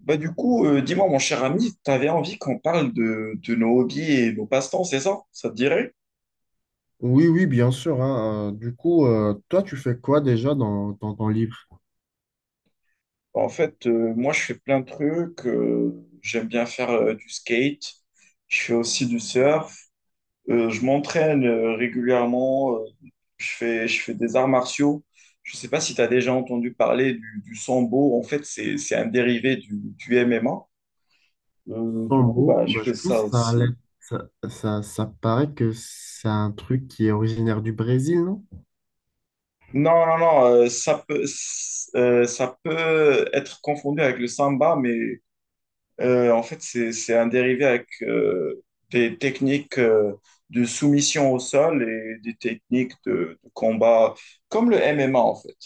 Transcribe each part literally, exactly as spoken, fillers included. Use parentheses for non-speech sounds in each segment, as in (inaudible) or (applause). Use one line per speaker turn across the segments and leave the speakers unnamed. Bah du coup, euh, dis-moi mon cher ami, t'avais envie qu'on parle de, de nos hobbies et nos passe-temps, c'est ça? Ça te dirait?
Oui, oui, bien sûr, hein. Euh, du coup, euh, toi, tu fais quoi déjà dans, dans ton livre?
En fait, euh, moi je fais plein de trucs, euh, j'aime bien faire euh, du skate, je fais aussi du surf, euh, je m'entraîne euh, régulièrement, euh, je fais, je fais des arts martiaux. Je sais pas si tu as déjà entendu parler du, du sambo, en fait c'est, c'est un dérivé du, du M M A. Euh, du
En
coup,
gros,
bah, je
bah, je
fais
pense
ça
que ça,
aussi.
allait- ça, ça, ça paraît que c'est un truc qui est originaire du Brésil, non?
Non, non, non, euh, ça peut, s- euh, ça peut être confondu avec le samba, mais euh, en fait, c'est, c'est un dérivé avec euh, des techniques euh, de soumission au sol et des techniques de, de combat, comme le M M A, en fait.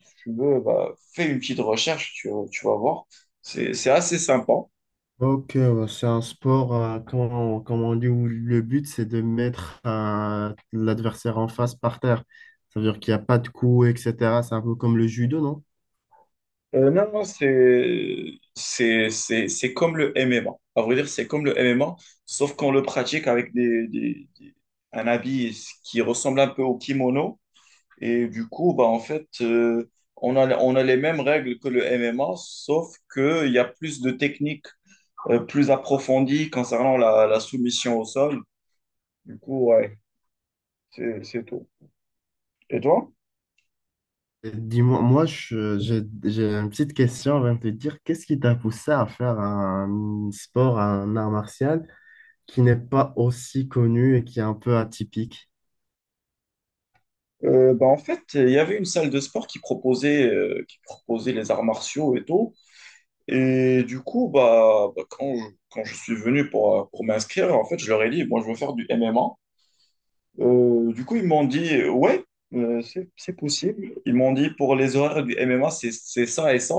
Si tu veux, bah, fais une petite recherche, tu, tu vas voir. C'est, c'est assez sympa.
Ok, bah, c'est un sport, euh, comment, comment on dit, où le but, c'est de mettre euh, l'adversaire en face par terre. Ça veut dire qu'il n'y a pas de coups, et cetera. C'est un peu comme le judo, non?
Euh, non, non, c'est c'est- c'est- c'est comme le M M A. À vrai dire, c'est comme le M M A, sauf qu'on le pratique avec des, des- des- un habit qui ressemble un peu au kimono. Et du coup, bah, en fait, euh, on a, on a les mêmes règles que le M M A, sauf qu'il y a plus de techniques euh, plus approfondies concernant la, la soumission au sol. Du coup, ouais, c'est c'est tout. Et toi?
Et Dis-moi, moi, je- j'ai j'ai une petite question avant de te dire, qu'est-ce qui t'a poussé à faire un sport, un art martial qui n'est pas aussi connu et qui est un peu atypique.
Euh, bah, en fait, il y avait une salle de sport qui proposait, euh, qui proposait les arts martiaux et tout. Et du coup, bah, bah, quand, je, quand je suis venu pour, euh, pour m'inscrire, en fait, je leur ai dit, moi, je veux faire du M M A. Euh, du coup, ils m'ont dit, euh, ouais, euh, c'est, c'est possible. Ils m'ont dit, pour les horaires du M M A, c'est, c'est ça et ça.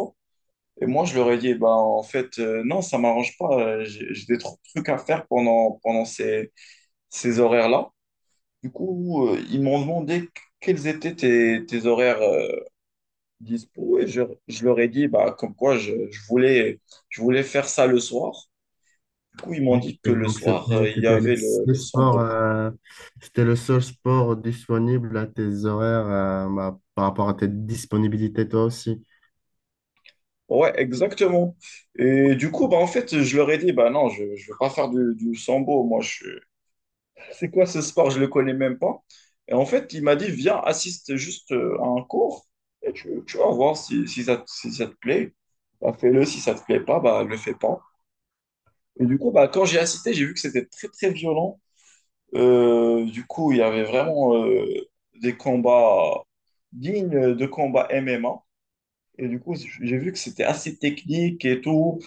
Et moi, je leur ai dit, bah, en fait, euh, non, ça m'arrange pas. Euh, J'ai j'ai des tr- trucs à faire pendant, pendant ces, ces horaires-là. Du coup, euh, ils m'ont demandé qu- quels étaient tes, tes horaires euh, dispo. Et je, je leur ai dit, bah, comme quoi, je, je voulais, je voulais faire ça le soir. Du coup, ils m'ont
Donc-
dit que
Et
le
donc,
soir, euh,
c'était
il y
c'était le
avait le,
seul
le
sport,
sambo.
euh, c'était le seul sport disponible à tes horaires, euh, bah, par rapport à tes disponibilités, toi aussi.
Ouais, exactement. Et du coup, bah, en fait, je leur ai dit, bah non, je ne veux pas faire du, du sambo. Moi, je... c'est quoi ce sport? Je ne le connais même pas. Et en fait, il m'a dit, viens, assiste juste euh, à un cours et tu, tu vas voir si, si ça, si ça te plaît. Bah, fais-le. Si ça te plaît pas, bah, le fais pas. Et du coup, bah, quand j'ai assisté, j'ai vu que c'était très, très violent. Euh, du coup, il y avait vraiment euh, des combats dignes de combats M M A. Et du coup, j'ai vu que c'était assez technique et tout,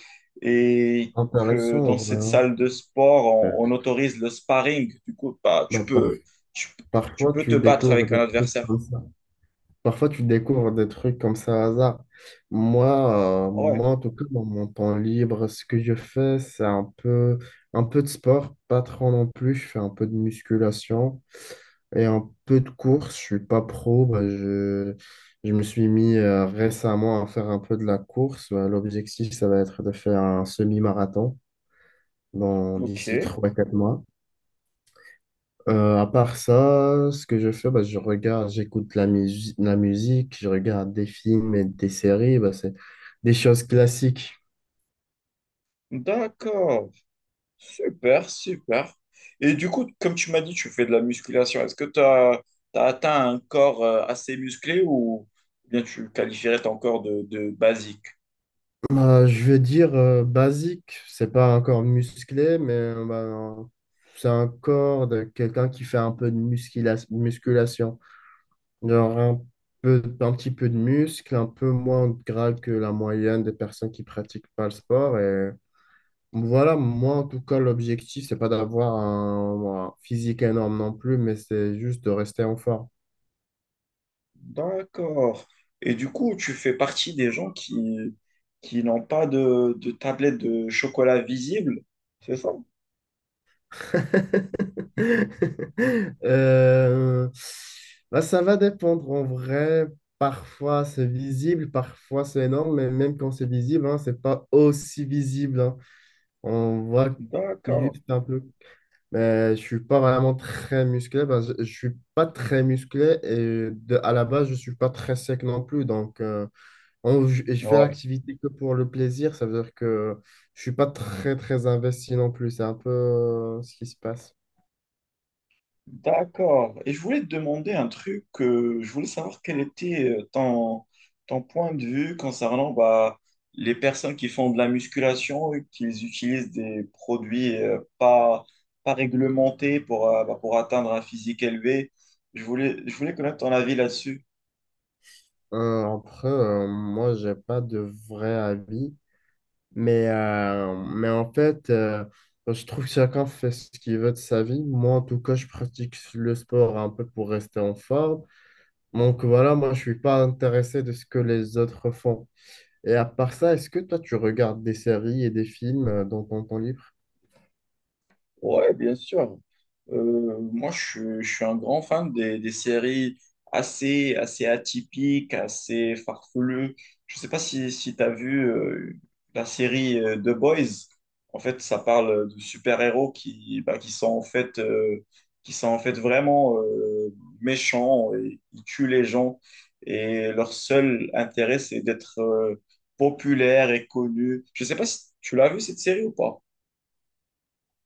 et que
Intéressant,
dans cette
vraiment.
salle de sport,
Euh,
on, on autorise le sparring. Du coup, bah, tu
bah, par-
peux, tu, tu
Parfois,
peux te
tu
battre
découvres
avec
des
un
trucs
adversaire.
comme ça. Parfois, tu découvres des trucs comme ça au hasard. Moi, euh,
Ouais,
moi, en tout cas, dans mon temps libre, ce que je fais, c'est un peu, un peu de sport, pas trop non plus. Je fais un peu de musculation. Et un peu de course, je suis pas pro. Bah, je, je me suis mis euh, récemment à faire un peu de la course. Bah, l'objectif, ça va être de faire un semi-marathon dans
ok,
d'ici trois quatre mois. Euh, à part ça, ce que je fais, bah, je regarde, j'écoute la, musique la musique, je regarde des films et des séries. Bah, c'est des choses classiques.
d'accord. Super, super. Et du coup, comme tu m'as dit, tu fais de la musculation. Est-ce que tu as atteint un corps euh, assez musclé ou bien tu qualifierais ton corps de, de basique?
Bah, je veux dire euh, basique, c'est pas un corps musclé, mais euh, bah, c'est un corps de quelqu'un qui fait un peu de muscula- musculation. Genre un peu, un petit peu de muscle, un peu moins de gras que la moyenne des personnes qui pratiquent pas le sport. Et voilà, moi en tout cas, l'objectif, c'est pas d'avoir un, un physique énorme non plus, mais c'est juste de rester en forme.
D'accord. Et du coup, tu fais partie des gens qui, qui n'ont pas de, de tablette de chocolat visible, c'est ça?
(laughs) Euh, Bah, ça va dépendre en vrai. Parfois c'est visible, parfois c'est énorme, mais même quand c'est visible, hein, c'est pas aussi visible, hein. On voit
D'accord.
juste un peu. Mais je suis pas vraiment très musclé parce que je suis pas très musclé et de, à la base, je suis pas très sec non plus. Donc, euh, on- je, et je fais
Ouais.
l'activité que pour le plaisir. Ça veut dire que je suis pas très, très investi non plus. C'est un peu euh, ce qui se passe.
D'accord. Et je voulais te demander un truc. Euh, je voulais savoir quel était euh, ton, ton point de vue concernant bah, les personnes qui font de la musculation et qui utilisent des produits euh, pas, pas réglementés pour, euh, bah, pour atteindre un physique élevé. Je voulais, je voulais connaître ton avis là-dessus.
Euh, après, euh, moi, j'ai pas de vrai avis. Mais, euh, mais en fait, euh, je trouve que chacun fait ce qu'il veut de sa vie. Moi, en tout cas, je pratique le sport un peu pour rester en forme. Donc voilà, moi je suis pas intéressé de ce que les autres font. Et à part ça, est-ce que toi tu regardes des séries et des films euh, dans ton temps libre?
Ouais, bien sûr. Euh, moi, je, suis je suis un grand fan des, des séries assez, assez atypiques, assez farfelues. Je sais pas si, si tu as vu euh, la série euh, The Boys. En fait, ça parle de super-héros qui, bah, qui sont en fait, euh, qui sont en fait vraiment euh, méchants et ils tuent les gens. Et leur seul intérêt, c'est d'être euh, populaire et connu. Je sais pas si tu l'as vu cette série ou pas.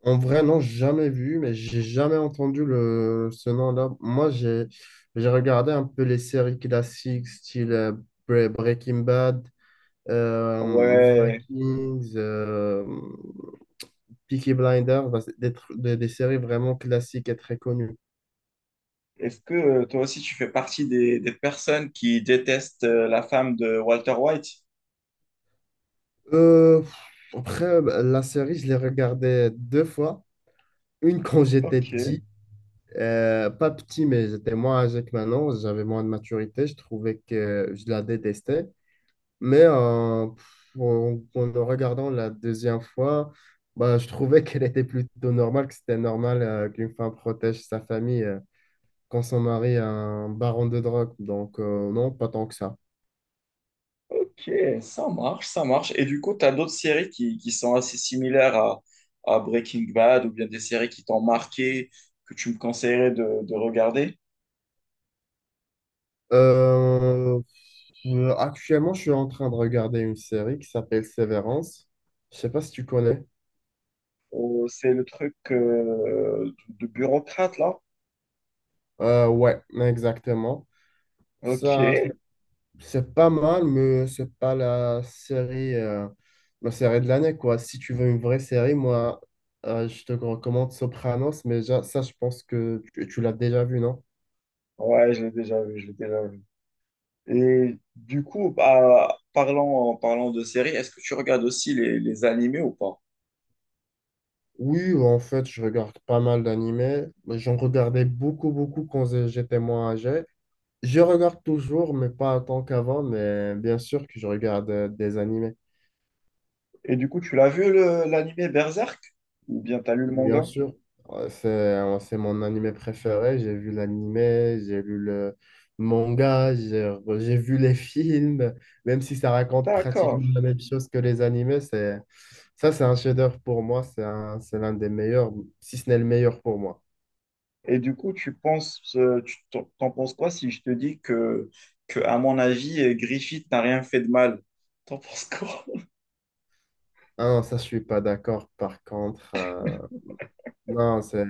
En vrai, non, jamais vu, mais j'ai jamais entendu le, ce nom-là. Moi, j'ai j'ai regardé un peu les séries classiques, style euh, Bre- Breaking Bad, euh,
Ouais,
Vikings, euh, Peaky Blinders, bah, c'est des, tr- des, des séries vraiment classiques et très connues.
est-ce que euh, toi aussi tu fais partie des, des personnes qui détestent euh, la femme de Walter White?
Euh, pff, Après, bah, la série, je l'ai regardée deux fois. Une quand j'étais
Ok,
petit, euh, pas petit, mais j'étais moins âgé que maintenant, j'avais moins de maturité, je trouvais que je la détestais. Mais euh, pff, en, en le regardant la deuxième fois, bah, je trouvais (laughs) qu'elle était plutôt normale, que c'était normal euh, qu'une femme protège sa famille euh, quand son mari est un baron de drogue. Donc, euh, non, pas tant que ça.
ok, ça marche, ça marche. Et du coup, tu as d'autres séries qui, qui sont assez similaires à, à Breaking Bad ou bien des séries qui t'ont marqué, que tu me conseillerais de, de regarder?
Euh, euh, Actuellement, je suis en train de regarder une série qui s'appelle Severance. Je sais pas si tu connais.
Oh, c'est le truc euh, de, de bureaucrate là?
Euh, ouais, exactement.
Ok,
Ça, c'est pas mal, mais c'est pas la série, euh, la série de l'année, quoi. Si tu veux une vraie série, moi, euh, je te recommande Sopranos, mais ja- ça, je pense que tu, tu l'as déjà vu, non?
ouais, je l'ai déjà vu, je l'ai déjà vu. Et du coup, bah, parlant, en parlant de séries, est-ce que tu regardes aussi les, les animés ou pas?
Oui, en fait, je regarde pas mal d'animés. J'en regardais beaucoup, beaucoup quand j'étais moins âgé. Je regarde toujours, mais pas autant qu'avant, mais bien sûr que je regarde euh, des animés.
Et du coup, tu l'as vu le- l'animé Berserk? Ou bien t'as lu le
Bien
manga?
sûr, euh, c'est euh, c'est mon animé préféré. J'ai vu l'animé, j'ai lu le manga, j'ai j'ai vu les films, même si ça raconte pratiquement
D'accord.
la même chose que les animés, c'est ça, c'est un chef-d'œuvre pour moi. C'est un- c'est l'un des meilleurs, si ce n'est le meilleur pour moi.
Et du coup, tu penses, euh, tu t'en t'en penses quoi si je te dis que, que à mon avis, euh, Griffith n'a rien fait de mal? T'en penses quoi?
Ah non, ça, je suis pas d'accord. Par contre, euh, non, c'est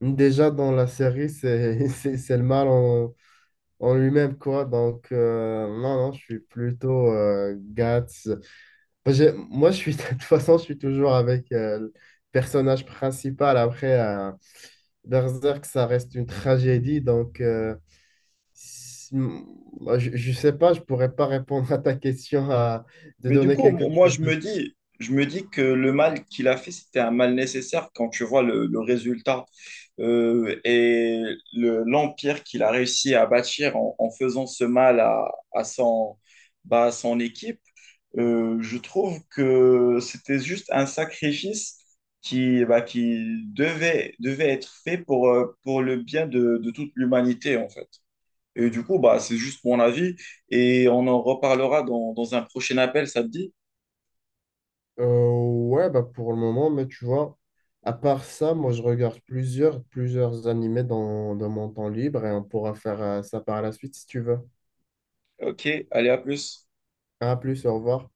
déjà dans la série, c'est (laughs) c'est c'est le mal en lui-même, quoi. Donc, euh, non, non, je suis plutôt euh, Guts. Moi, j'ai- moi, je suis, (laughs) de toute façon, je suis toujours avec euh, le personnage principal. Après, euh, Berserk, ça reste une tragédie. Donc, euh, si- moi, je, je sais pas, je pourrais pas répondre à ta question à, de
Mais du
donner
coup,
quelque
mo- moi,
chose
je me
de.
dis, je me dis que le mal qu'il a fait, c'était un mal nécessaire quand tu vois le, le résultat euh, et le- l'empire qu'il a réussi à bâtir en, en faisant ce mal à, à son, bah, à son équipe. Euh, je trouve que c'était juste un sacrifice qui, bah, qui devait, devait être fait pour, euh, pour le bien de, de toute l'humanité, en fait. Et du coup, bah, c'est juste mon avis et on en reparlera dans, dans un prochain appel, ça te dit?
Euh, ouais, bah, pour le moment, mais tu vois. À part ça, moi, je regarde plusieurs, plusieurs animés dans, dans mon temps libre et on pourra faire euh, ça par la suite si tu veux.
Ok, allez, à plus.
À plus, au revoir.